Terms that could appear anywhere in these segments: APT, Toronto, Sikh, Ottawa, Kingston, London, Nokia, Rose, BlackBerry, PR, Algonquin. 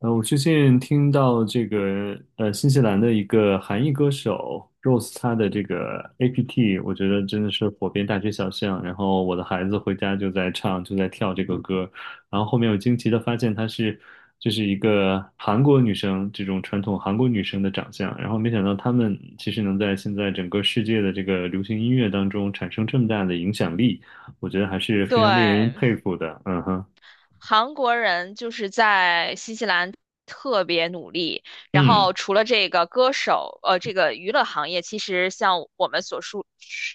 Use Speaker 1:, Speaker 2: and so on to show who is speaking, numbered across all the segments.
Speaker 1: 我最近听到这个新西兰的一个韩裔歌手 Rose，她的这个 APT，我觉得真的是火遍大街小巷。然后我的孩子回家就在唱，就在跳这个歌。然后后面我惊奇的发现她就是一个韩国女生，这种传统韩国女生的长相。然后没想到她们其实能在现在整个世界的这个流行音乐当中产生这么大的影响力，我觉得还是非常令人
Speaker 2: 对，
Speaker 1: 佩服的。嗯哼，
Speaker 2: 韩国人就是在新西兰特别努力。然
Speaker 1: 嗯
Speaker 2: 后除了这个歌手，这个娱乐行业，其实像我们所熟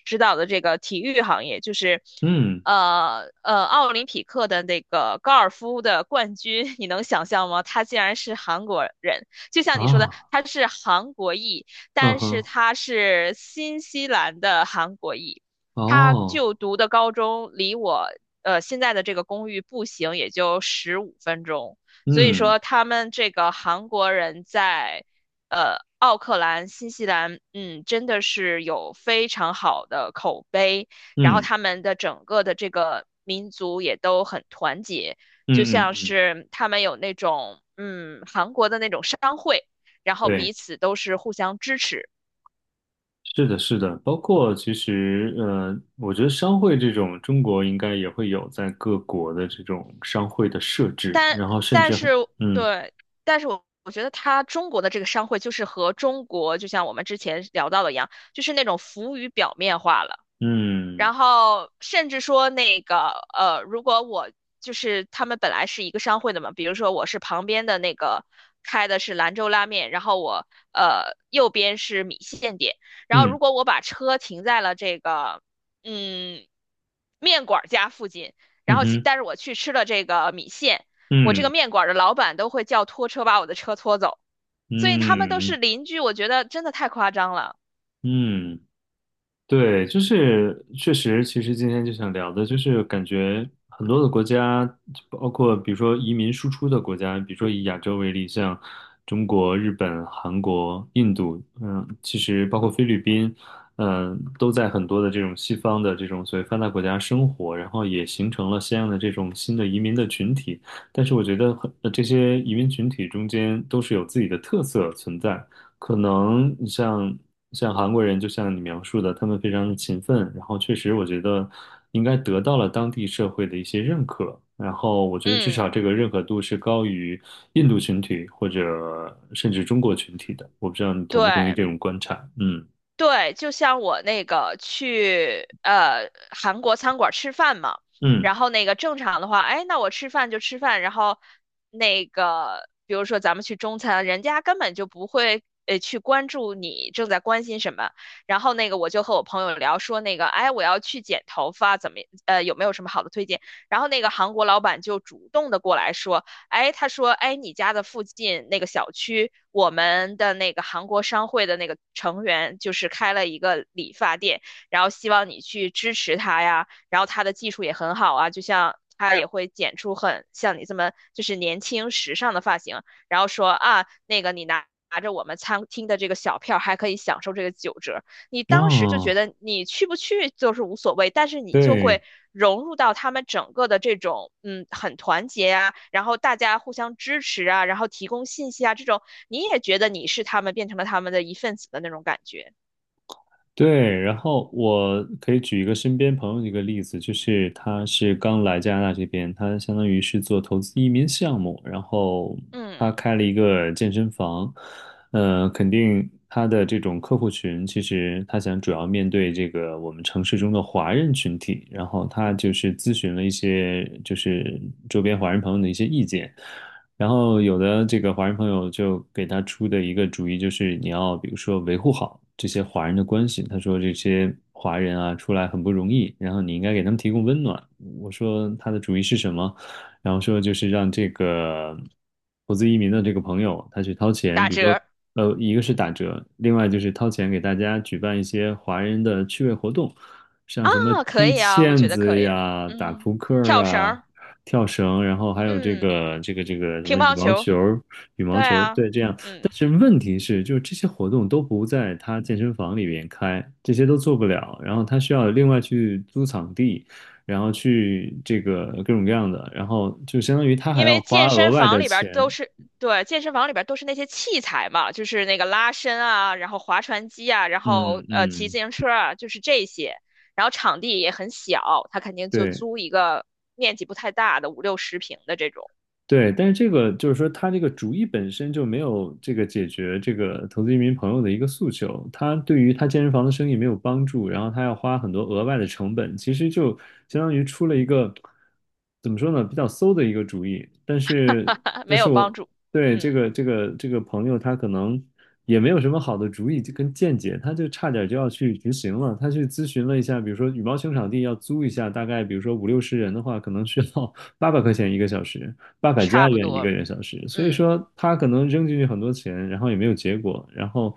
Speaker 2: 知道的这个体育行业，就是，
Speaker 1: 嗯
Speaker 2: 奥林匹克的那个高尔夫的冠军，你能想象吗？他竟然是韩国人，就像你说的，
Speaker 1: 啊，
Speaker 2: 他是韩国裔，
Speaker 1: 嗯
Speaker 2: 但是
Speaker 1: 哼。
Speaker 2: 他是新西兰的韩国裔。他
Speaker 1: 哦，
Speaker 2: 就读的高中离我现在的这个公寓步行也就15分钟，所以
Speaker 1: 嗯
Speaker 2: 说他们这个韩国人在奥克兰、新西兰，嗯，真的是有非常好的口碑，然后
Speaker 1: 嗯
Speaker 2: 他们的整个的这个民族也都很团结，就
Speaker 1: 嗯嗯
Speaker 2: 像
Speaker 1: 嗯，
Speaker 2: 是他们有那种韩国的那种商会，然后
Speaker 1: 对，
Speaker 2: 彼此都是互相支持。
Speaker 1: 是的，是的，包括其实，我觉得商会这种，中国应该也会有在各国的这种商会的设置，
Speaker 2: 但
Speaker 1: 然后甚
Speaker 2: 但
Speaker 1: 至
Speaker 2: 是
Speaker 1: 嗯
Speaker 2: 对，但是我觉得他中国的这个商会就是和中国，就像我们之前聊到的一样，就是那种浮于表面化了。
Speaker 1: 嗯
Speaker 2: 然后甚至说那个如果我就是他们本来是一个商会的嘛，比如说我是旁边的那个开的是兰州拉面，然后我右边是米线店，然后
Speaker 1: 嗯
Speaker 2: 如果我把车停在了这个嗯面馆儿家附近，然
Speaker 1: 嗯
Speaker 2: 后其
Speaker 1: 哼，
Speaker 2: 但是我去吃了这个米线，我这个
Speaker 1: 嗯
Speaker 2: 面馆儿的老板都会叫拖车把我的车拖走，所以他们都
Speaker 1: 嗯
Speaker 2: 是邻居，我觉得真的太夸张了，
Speaker 1: 嗯。对，就是确实，其实今天就想聊的，就是感觉很多的国家，包括比如说移民输出的国家，比如说以亚洲为例，像中国、日本、韩国、印度，嗯，其实包括菲律宾，嗯，都在很多的这种西方的这种所谓发达国家生活，然后也形成了相应的这种新的移民的群体。但是我觉得很，这些移民群体中间都是有自己的特色存在，可能你像韩国人，就像你描述的，他们非常的勤奋，然后确实我觉得应该得到了当地社会的一些认可，然后我觉得至少
Speaker 2: 嗯。
Speaker 1: 这个认可度是高于印度群体或者甚至中国群体的，我不知道你同不同意
Speaker 2: 对，
Speaker 1: 这种观察，嗯
Speaker 2: 对，就像我那个去韩国餐馆吃饭嘛，
Speaker 1: 嗯，
Speaker 2: 然后那个正常的话，哎，那我吃饭就吃饭，然后那个比如说咱们去中餐，人家根本就不会去关注你正在关心什么，然后那个我就和我朋友聊说那个，哎，我要去剪头发，怎么有没有什么好的推荐？然后那个韩国老板就主动的过来说。哎，他说，哎，你家的附近那个小区，我们的那个韩国商会的那个成员就是开了一个理发店，然后希望你去支持他呀，然后他的技术也很好啊，就像。他也会剪出很像你这么就是年轻时尚的发型，然后说啊，那个你拿着我们餐厅的这个小票，还可以享受这个9折。你当时就觉
Speaker 1: 哦，
Speaker 2: 得你去不去就是无所谓，但是你就会
Speaker 1: 对，
Speaker 2: 融入到他们整个的这种，嗯，很团结啊，然后大家互相支持啊，然后提供信息啊，这种你也觉得你是他们，变成了他们的一份子的那种感觉。
Speaker 1: 对，然后我可以举一个身边朋友的一个例子，就是他是刚来加拿大这边，他相当于是做投资移民项目，然后他
Speaker 2: 嗯，
Speaker 1: 开了一个健身房，肯定他的这种客户群，其实他想主要面对这个我们城市中的华人群体，然后他就是咨询了一些就是周边华人朋友的一些意见。然后有的这个华人朋友就给他出的一个主意就是你要比如说维护好这些华人的关系。他说这些华人啊出来很不容易，然后你应该给他们提供温暖。我说他的主意是什么？然后说就是让这个投资移民的这个朋友他去掏钱，
Speaker 2: 打
Speaker 1: 比如说
Speaker 2: 折
Speaker 1: 一个是打折，另外就是掏钱给大家举办一些华人的趣味活动，像
Speaker 2: 啊，
Speaker 1: 什么
Speaker 2: 可
Speaker 1: 踢
Speaker 2: 以啊，我
Speaker 1: 毽
Speaker 2: 觉得可
Speaker 1: 子
Speaker 2: 以。
Speaker 1: 呀、打
Speaker 2: 嗯，
Speaker 1: 扑克
Speaker 2: 跳绳
Speaker 1: 啊。
Speaker 2: 儿，
Speaker 1: 跳绳，然后还有这
Speaker 2: 嗯，
Speaker 1: 个这个这个什
Speaker 2: 乒
Speaker 1: 么羽
Speaker 2: 乓
Speaker 1: 毛
Speaker 2: 球，
Speaker 1: 球儿，羽
Speaker 2: 对
Speaker 1: 毛球儿，
Speaker 2: 啊，
Speaker 1: 对，这样。但
Speaker 2: 嗯。
Speaker 1: 是问题是，就是这些活动都不在他健身房里边开，这些都做不了。然后他需要另外去租场地，然后去这个各种各样的，然后就相当于他还
Speaker 2: 因
Speaker 1: 要
Speaker 2: 为
Speaker 1: 花
Speaker 2: 健
Speaker 1: 额
Speaker 2: 身
Speaker 1: 外
Speaker 2: 房
Speaker 1: 的
Speaker 2: 里边儿
Speaker 1: 钱。
Speaker 2: 都是，对，健身房里边儿都是那些器材嘛，就是那个拉伸啊，然后划船机啊，然后
Speaker 1: 嗯
Speaker 2: 骑自
Speaker 1: 嗯，
Speaker 2: 行车啊，就是这些。然后场地也很小，他肯定就
Speaker 1: 对。
Speaker 2: 租一个面积不太大的5六十平的这种，
Speaker 1: 对，但是这个就是说，他这个主意本身就没有这个解决这个投资移民朋友的一个诉求，他对于他健身房的生意没有帮助，然后他要花很多额外的成本，其实就相当于出了一个怎么说呢，比较馊的一个主意。但是，
Speaker 2: 没
Speaker 1: 但是
Speaker 2: 有帮
Speaker 1: 我
Speaker 2: 助。
Speaker 1: 对这
Speaker 2: 嗯，
Speaker 1: 个这个这个朋友，他可能也没有什么好的主意跟见解，他就差点就要去执行了。他去咨询了一下，比如说羽毛球场地要租一下，大概比如说50-60人的话，可能需要 八百块钱一个小时。八百
Speaker 2: 差
Speaker 1: 加
Speaker 2: 不
Speaker 1: 元一
Speaker 2: 多。
Speaker 1: 个月小时，所以
Speaker 2: 嗯，
Speaker 1: 说他可能扔进去很多钱，然后也没有结果，然后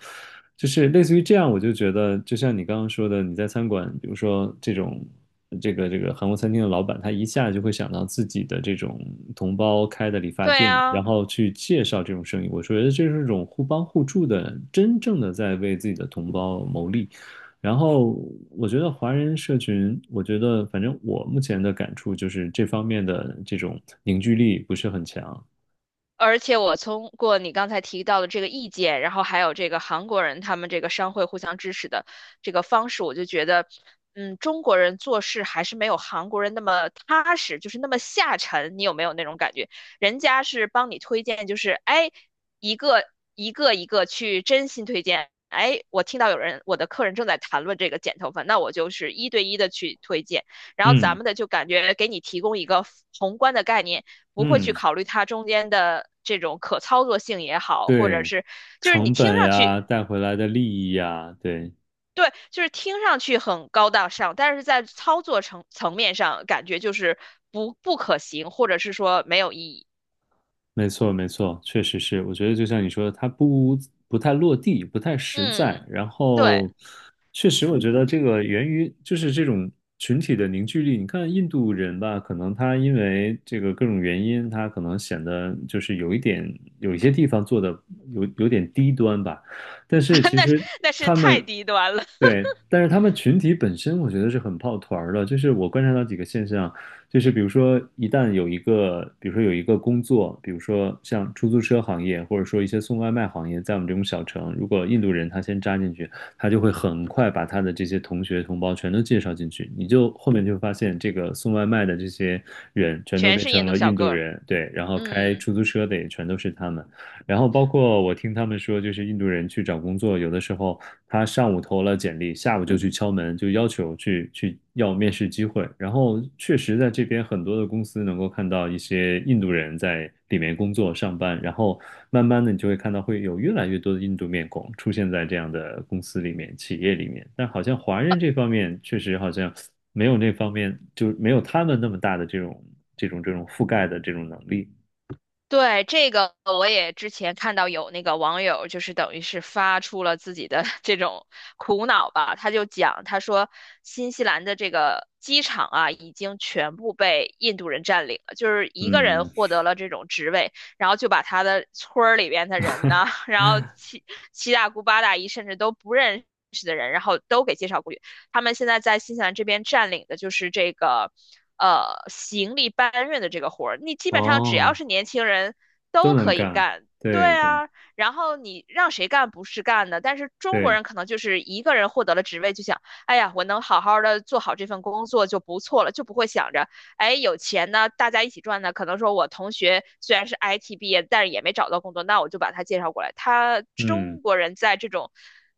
Speaker 1: 就是类似于这样，我就觉得就像你刚刚说的，你在餐馆，比如说这种这个韩国餐厅的老板，他一下就会想到自己的这种同胞开的理发
Speaker 2: 对
Speaker 1: 店，然
Speaker 2: 呀、
Speaker 1: 后去介绍这种生意，我觉得这是一种互帮互助的，真正的在为自己的同胞谋利。然后我觉得华人社群，我觉得反正我目前的感触就是这方面的这种凝聚力不是很强。
Speaker 2: 而且我通过你刚才提到的这个意见，然后还有这个韩国人他们这个商会互相支持的这个方式，我就觉得，嗯，中国人做事还是没有韩国人那么踏实，就是那么下沉。你有没有那种感觉？人家是帮你推荐，就是哎，一个一个一个去真心推荐。哎，我听到有人，我的客人正在谈论这个剪头发，那我就是一对一的去推荐。然后咱
Speaker 1: 嗯
Speaker 2: 们的就感觉给你提供一个宏观的概念，不会去
Speaker 1: 嗯，
Speaker 2: 考虑它中间的这种可操作性也好，或者
Speaker 1: 对，
Speaker 2: 是就是你
Speaker 1: 成
Speaker 2: 听
Speaker 1: 本
Speaker 2: 上去
Speaker 1: 呀，带回来的利益呀，对，
Speaker 2: 对，就是听上去很高大上，但是在操作层面上感觉就是不可行，或者是说没有意义。
Speaker 1: 没错，没错，确实是。我觉得就像你说的，它不太落地，不太实在。
Speaker 2: 嗯，
Speaker 1: 然
Speaker 2: 对，
Speaker 1: 后，确实，我觉得这个源于就是这种群体的凝聚力。你看印度人吧，可能他因为这个各种原因，他可能显得就是有一点，有一些地方做的有点低端吧。但是 其
Speaker 2: 那是
Speaker 1: 实
Speaker 2: 那是
Speaker 1: 他
Speaker 2: 太
Speaker 1: 们，
Speaker 2: 低端了，
Speaker 1: 对，但是他们群体本身，我觉得是很抱团儿的。就是我观察到几个现象，就是比如说，一旦有一个，比如说有一个工作，比如说像出租车行业，或者说一些送外卖行业，在我们这种小城，如果印度人他先扎进去，他就会很快把他的这些同学同胞全都介绍进去，你就后面就会发现，这个送外卖的这些人全都
Speaker 2: 全
Speaker 1: 变
Speaker 2: 是印
Speaker 1: 成
Speaker 2: 度
Speaker 1: 了
Speaker 2: 小
Speaker 1: 印度
Speaker 2: 哥。
Speaker 1: 人，对，然后开
Speaker 2: 嗯。
Speaker 1: 出租车的也全都是他们。然后包括我听他们说，就是印度人去找工作，有的时候他上午投了简历，下午就去敲门，就要求去要面试机会。然后确实在这边很多的公司能够看到一些印度人在里面工作上班，然后慢慢的你就会看到会有越来越多的印度面孔出现在这样的公司里面、企业里面。但好像华人这方面确实好像没有那方面，就是没有他们那么大的这种这种覆盖的这种能力。
Speaker 2: 对，这个我也之前看到有那个网友，就是等于是发出了自己的 这种苦恼吧。他就讲，他说新西兰的这个机场啊，已经全部被印度人占领了，就是一个人
Speaker 1: 嗯，
Speaker 2: 获得了这种职位，然后就把他的村儿里边的人呢，然后七大姑八大姨，甚至都不认识的人，然后都给介绍过去。他们现在在新西兰这边占领的就是这个行李搬运的这个活儿，你基本上只要
Speaker 1: 哦，
Speaker 2: 是年轻人
Speaker 1: 都
Speaker 2: 都
Speaker 1: 能
Speaker 2: 可以
Speaker 1: 干，
Speaker 2: 干。对
Speaker 1: 对对
Speaker 2: 啊，然后你让谁干不是干的，但是中国
Speaker 1: 对，
Speaker 2: 人可能就是一个人获得了职位就想，哎呀，我能好好的做好这份工作就不错了，就不会想着哎，有钱呢，大家一起赚呢。可能说我同学虽然是 IT 毕业，但是也没找到工作，那我就把他介绍过来。他
Speaker 1: 嗯
Speaker 2: 中国人在这种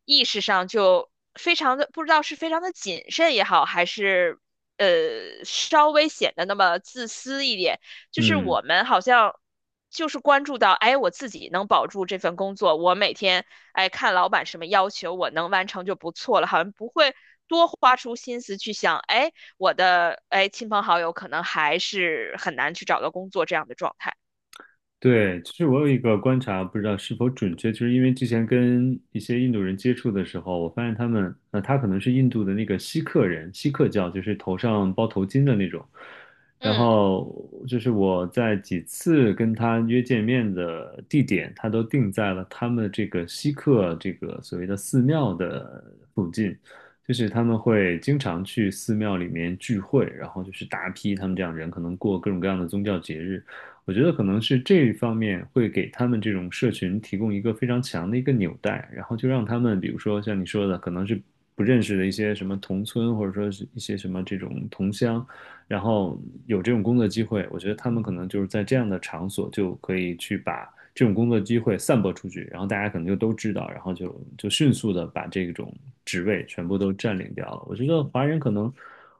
Speaker 2: 意识上就非常的，不知道是非常的谨慎也好，还是稍微显得那么自私一点。就是
Speaker 1: 嗯。
Speaker 2: 我们好像。就是关注到，哎，我自己能保住这份工作，我每天，哎，看老板什么要求，我能完成就不错了，好像不会多花出心思去想，哎，我的哎亲朋好友可能还是很难去找到工作这样的状态。
Speaker 1: 对，其实我有一个观察，不知道是否准确，就是因为之前跟一些印度人接触的时候，我发现他们，他可能是印度的那个锡克人，锡克教就是头上包头巾的那种。然
Speaker 2: 嗯。
Speaker 1: 后就是我在几次跟他约见面的地点，他都定在了他们这个锡克这个所谓的寺庙的附近，就是他们会经常去寺庙里面聚会，然后就是大批他们这样人可能过各种各样的宗教节日。我觉得可能是这一方面会给他们这种社群提供一个非常强的一个纽带，然后就让他们，比如说像你说的，可能是不认识的一些什么同村，或者说是一些什么这种同乡，然后有这种工作机会，我觉得他们可能就是在这样的场所就可以去把这种工作机会散播出去，然后大家可能就都知道，然后就迅速的把这种职位全部都占领掉了。我觉得华人可能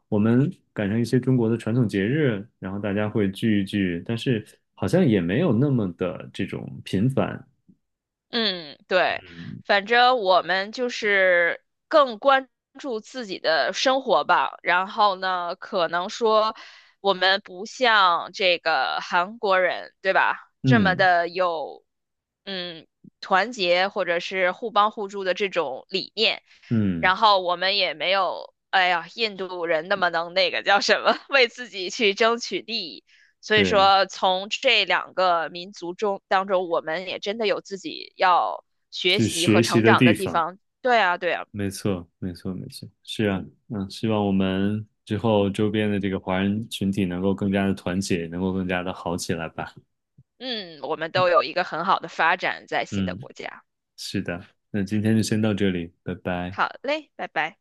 Speaker 1: 我们赶上一些中国的传统节日，然后大家会聚一聚，但是好像也没有那么的这种频繁。
Speaker 2: 嗯，对，
Speaker 1: 嗯
Speaker 2: 反正我们就是更关注自己的生活吧。然后呢，可能说我们不像这个韩国人，对吧？这么
Speaker 1: 嗯，
Speaker 2: 的有，嗯，团结或者是互帮互助的这种理念。
Speaker 1: 嗯，
Speaker 2: 然后我们也没有，哎呀，印度人那么能那个叫什么，为自己去争取利益。所以
Speaker 1: 对，
Speaker 2: 说，从这两个民族中当中，我们也真的有自己要学
Speaker 1: 去
Speaker 2: 习和
Speaker 1: 学习
Speaker 2: 成
Speaker 1: 的
Speaker 2: 长的
Speaker 1: 地
Speaker 2: 地
Speaker 1: 方，
Speaker 2: 方。对啊，对啊，
Speaker 1: 没错，没错，没错，是啊，嗯，希望我们之后周边的这个华人群体能够更加的团结，能够更加的好起来吧。
Speaker 2: 嗯，我们都有一个很好的发展在新的
Speaker 1: 嗯，
Speaker 2: 国家。
Speaker 1: 是的，那今天就先到这里，拜拜。
Speaker 2: 好嘞，拜拜。